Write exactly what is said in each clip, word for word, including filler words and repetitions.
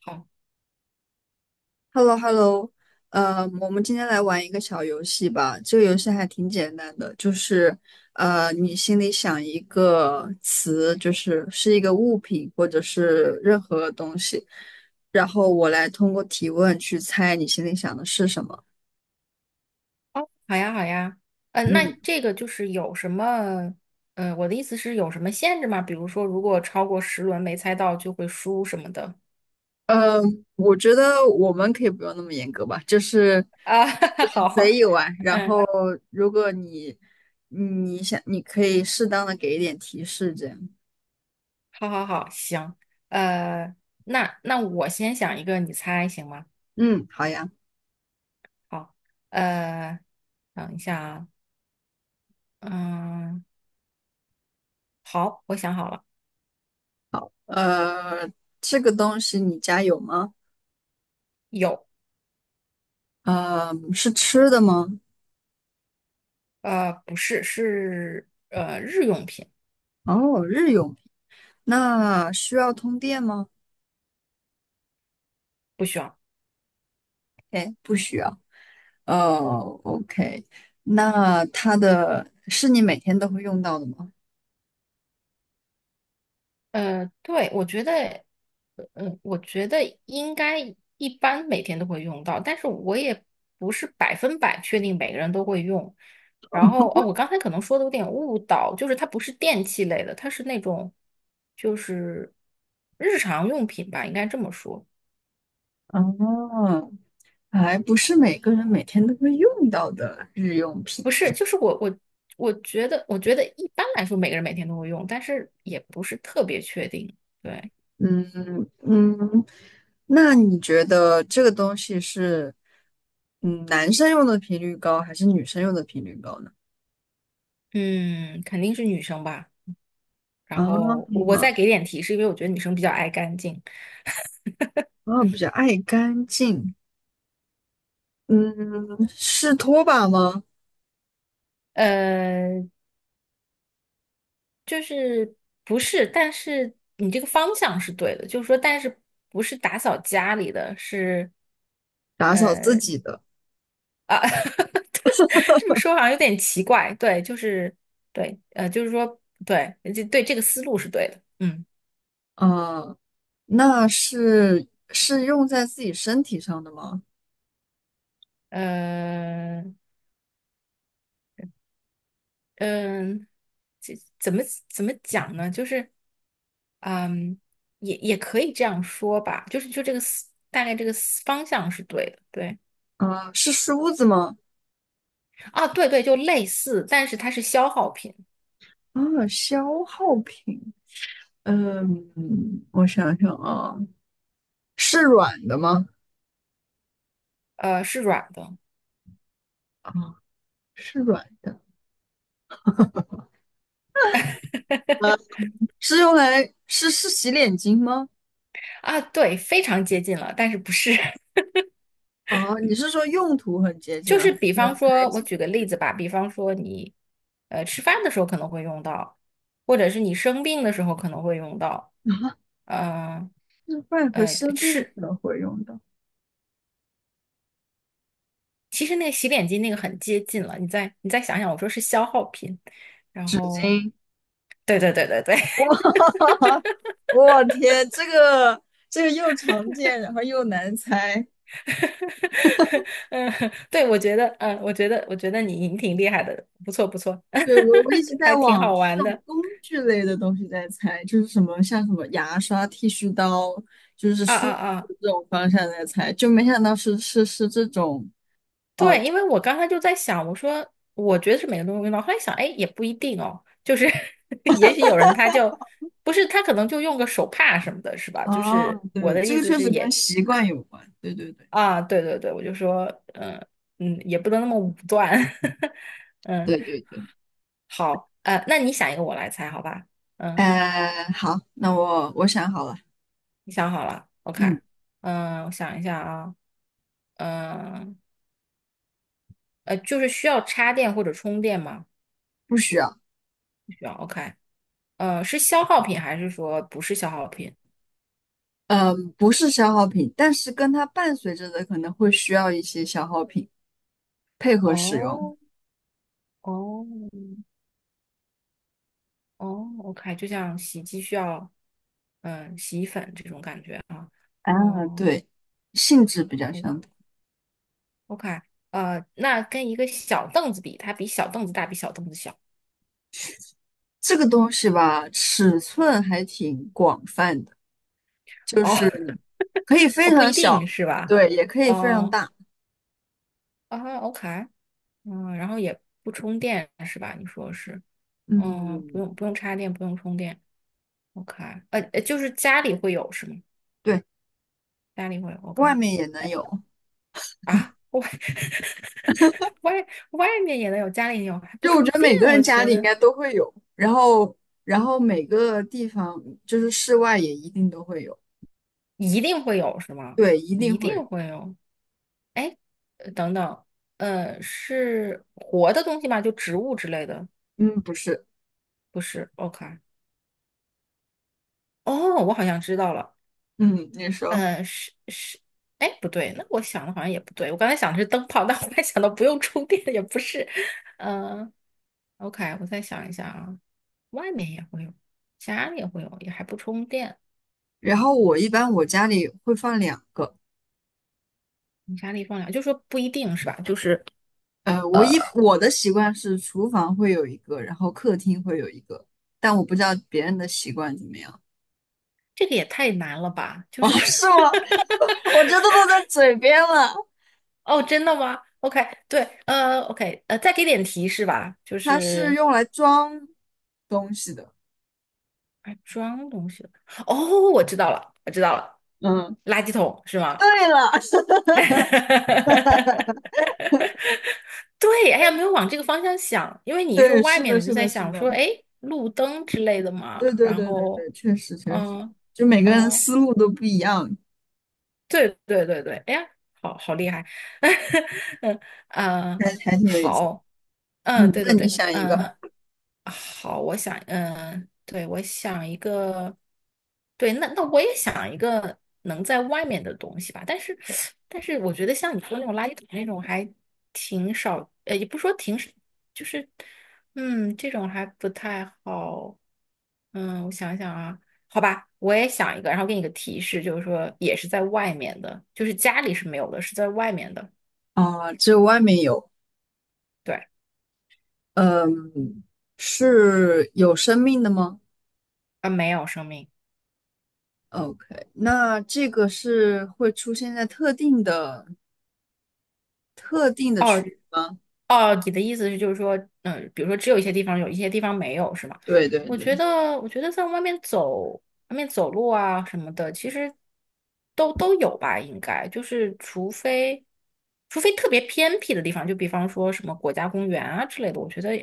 好。 h e l l o h e l l o 呃，我们今天来玩一个小游戏吧。这个游戏还挺简单的，就是呃，你心里想一个词，就是是一个物品或者是任何东西，然后我来通过提问去猜你心里想的是什么。哦，好呀，好呀，嗯、呃，那嗯，这个就是有什么，嗯、我的意思是有什么限制吗？比如说，如果超过十轮没猜到就会输什么的呃，我觉得我们可以不用那么严格吧，就是啊？嗯随好。意玩。然嗯，后如果你你想，你可以适当的给一点提示，这样。好好好，行。呃，那那我先想一个，你猜行吗？嗯，好呀。好。呃，等一下啊。嗯，好，我想好了。呃，这个东西你家有吗？有。呃，是吃的吗？呃，不是，是呃日用品。哦，日用品。那需要通电吗？不需要。哎，哦，OK。那它的是你每天都会用到的吗？呃，对，我觉得，嗯，我觉得应该一般每天都会用到，但是我也不是百分百确定每个人都会用。然后，哦，我刚才可能说的有点误导，就是它不是电器类的，它是那种就是日常用品吧，应该这么说。哦，还不是每个人每天都会用到的日用品。不是，就是我我我觉得，我觉得一般来说每个人每天都会用，但是也不是特别确定。对。嗯嗯，那你觉得这个东西是嗯男生用的频率高，还是女生用的频率高呢？嗯，肯定是女生吧。然啊，后我我再给点提示，因为我觉得女生比较爱干净。啊，比较爱干净，嗯，是拖把吗？呃，就是不是，但是你这个方向是对的，就是说，但是不是打扫家里的是打扫自呃己的，啊。这么说好像有点奇怪。对，就是对，呃，就是说对，这对这个思路是对的。嗯，啊，那是是用在自己身体上的吗？呃，嗯，这怎么怎么讲呢？就是，嗯，也也可以这样说吧，就是就这个思大概这个思方向是对的，对啊，是梳子吗？啊，对对，就类似，但是它是消耗品。啊，消耗品，嗯，我想想啊，是软的吗？呃，是软的啊，是软的，是用来是是洗脸巾吗？啊。对，非常接近了，但是不是。啊，你是说用途很接 近就了，还是比是方材说，我质举很个例接子吧，比方说你，呃，吃饭的时候可能会用到，或者是你生病的时候可能会用到。近啊？嗯、是饭和呃，生病的吃。时候会用到。其实那个洗脸巾那个很接近了，你再你再想想，我说是消耗品。然后对对对对对。哇，我天，这个这个又常见，然后又难猜。嗯，对，我觉得，嗯，我觉得，我觉得你你挺厉害的，不错不错。对，我我一直对在还挺往好就是玩这种的。工具类的东西在猜，就是什么像什么牙刷、剃须刀，就是啊啊梳啊。子这种方向在猜，就没想到是是是这种哦。对，因为我刚才就在想，我说我觉得是每个人都用到，后来想，哎，也不一定哦，就是 也许有人他就不是他可能就用个手帕什么的，是吧？就哦，是我对，的这意个思确是实跟也习惯有关。对对对啊。对对对，我就说。嗯嗯。也不能那么武断。嗯，对对对。好。呃，那你想一个，我来猜，好吧？嗯，哎、好，那我我想好了，你想好了，OK。嗯，嗯，我想一下啊。嗯呃，就是需要插电或者充电吗？不需要。不需要，OK。呃，是消耗品还是说不是消耗品？嗯，不是消耗品，但是跟它伴随着的可能会需要一些消耗品配合使用。哦哦哦，OK，就像洗衣机需要，嗯，洗衣粉这种感觉啊。啊，哦。对，性质比较相同。OK。呃，那跟一个小凳子比，它比小凳子大，比小凳子小。这个东西吧，尺寸还挺广泛的，就哦，是 可以非哦，不常一定小，是吧？对，也可以非常哦，大。啊，OK。嗯，然后也不充电是吧？你说是。嗯，不嗯，用不用插电，不用充电。OK。呃，呃就是家里会有是吗？对，家里会有。 外 OK。面也能哎有。啊，外 外外面也能有，家里也有，还不就我觉充得电，每个我人家觉里应得该都会有，然后，然后每个地方就是室外也一定都会有，一定会有是吗？对，一定一会有。定会有。哎。呃等等。呃，是活的东西吗？就植物之类的？嗯，不是，不是，OK。哦，我好像知道了。嗯，你说。呃，是是。哎，不对，那我想的好像也不对。我刚才想的是灯泡，但我还想到不用充电，也不是。嗯 o k 我再想一下啊。外面也会有，家里也会有，也还不充电。然后我一般我家里会放两个，你家里放两，就说不一定是吧？就是呃，我一我的习惯是厨房会有一个，然后客厅会有一个，但我不知道别人的习惯怎么样。这个也太难了吧？就是 是吗？我这都落在嘴边了。哦，真的吗？OK。对。呃，OK。呃，再给点提示吧，就它是是用来装东西的，还装东西了。哦，我知道了，我知道了，嗯，垃圾桶是吗？对了，对，哎呀，没有往这个方向想。因为 你一说对，外是面，的，我就是在的，是想的，说，哎，路灯之类的嘛。对对然对对后，对，确实确实，嗯，就每个人哦，思路都不一样，对对对对。哎呀，好好厉害。嗯嗯。呃还还挺有意思的。好。嗯，嗯，对那对你对。想一个。嗯好。我想，嗯，对，我想一个。对，那那我也想一个能在外面的东西吧。但是，但是我觉得像你说那种垃圾桶那种还挺少。呃，也不说挺少，就是，嗯，这种还不太好。嗯，我想想啊。好吧，我也想一个，然后给你个提示，就是说也是在外面的，就是家里是没有的，是在外面的。啊，只有外面有，对。嗯，是有生命的吗？啊，没有生命。哦？OK，那这个是会出现在特定的特定的区哦域吗？哦，你的意思是就是说，嗯，比如说只有一些地方有，一些地方没有，是吗？对对我觉对，得，我觉得在外面走，外面走路啊什么的，其实都都有吧。应该就是除非除非特别偏僻的地方，就比方说什么国家公园啊之类的。我觉得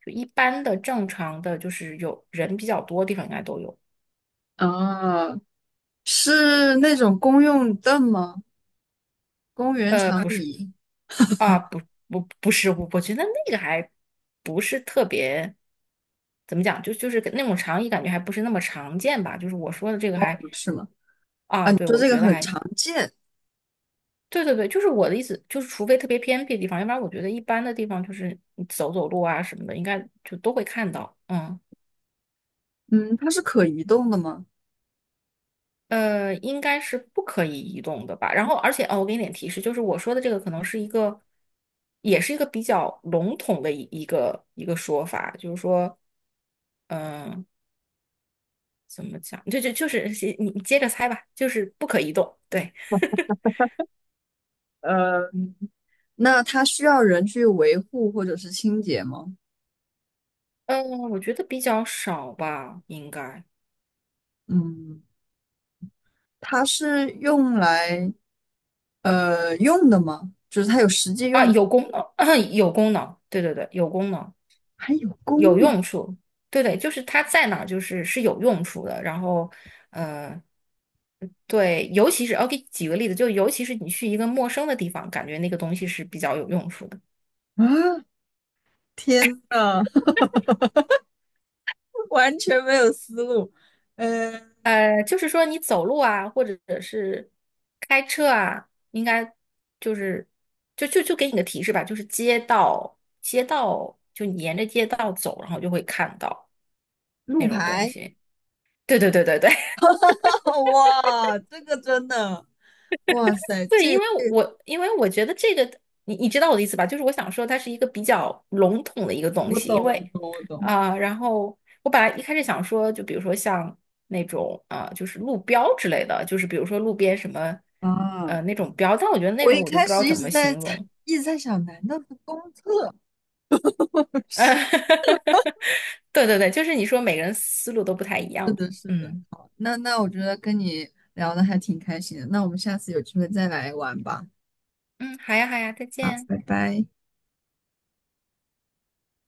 就一般的正常的，就是有人比较多的地方应该都有。啊，是那种公用凳吗？公园呃，长不是。椅啊，不不不是。我我觉得那个还不是特别，怎么讲，就就是那种长椅，感觉还不是那么常见吧。就是我说的这个还不是吗？啊，啊。你对，说我这个觉得很还常见，对对对。就是我的意思，就是除非特别偏僻的地方，要不然我觉得一般的地方就是你走走路啊什么的，应该就都会看到。嗯，嗯，它是可移动的吗？呃，应该是不可以移动的吧。然后，而且哦，我给你点提示，就是我说的这个可能是一个，也是一个比较笼统的一一个一个说法，就是说。嗯，怎么讲？就就就是你你接着猜吧，就是不可移动。对。嗯，那它需要人去维护或者是清洁吗？嗯，我觉得比较少吧。应该嗯，它是用来呃用的吗？就是它有实际啊，用途。有功能，有功能，对对对，有功能，还有公有路、用处，对对，就是它在哪儿就是是有用处的。然后，呃，对，尤其是我给举个例子，就尤其是你去一个陌生的地方，感觉那个东西是比较有用处的。啊，天呐，完全没有思路。嗯、呃，就是说你走路啊，或者是开车啊，应该就是就就就给你个提示吧，就是街道街道，就你沿着街道走，然后就会看到路那种东牌，西。对对对对对。哇，这个真的，哇塞，对，这因个为我因为我觉得这个，你你知道我的意思吧？就是我想说，它是一个比较笼统的一个东我西，懂，因为我懂，我懂。啊、呃然后我本来一开始想说，就比如说像那种啊、呃就是路标之类的，就是比如说路边什么啊，呃那种标。但我觉得那我种一我就不开知道始一怎直么在形猜，容。一直在想，难道是公厕？对对对，就是你说每个人思路都不太一是样。的，是的。嗯好，那那我觉得跟你聊的还挺开心的，那我们下次有机会再来玩吧。嗯，好呀好呀，再好，见。拜拜。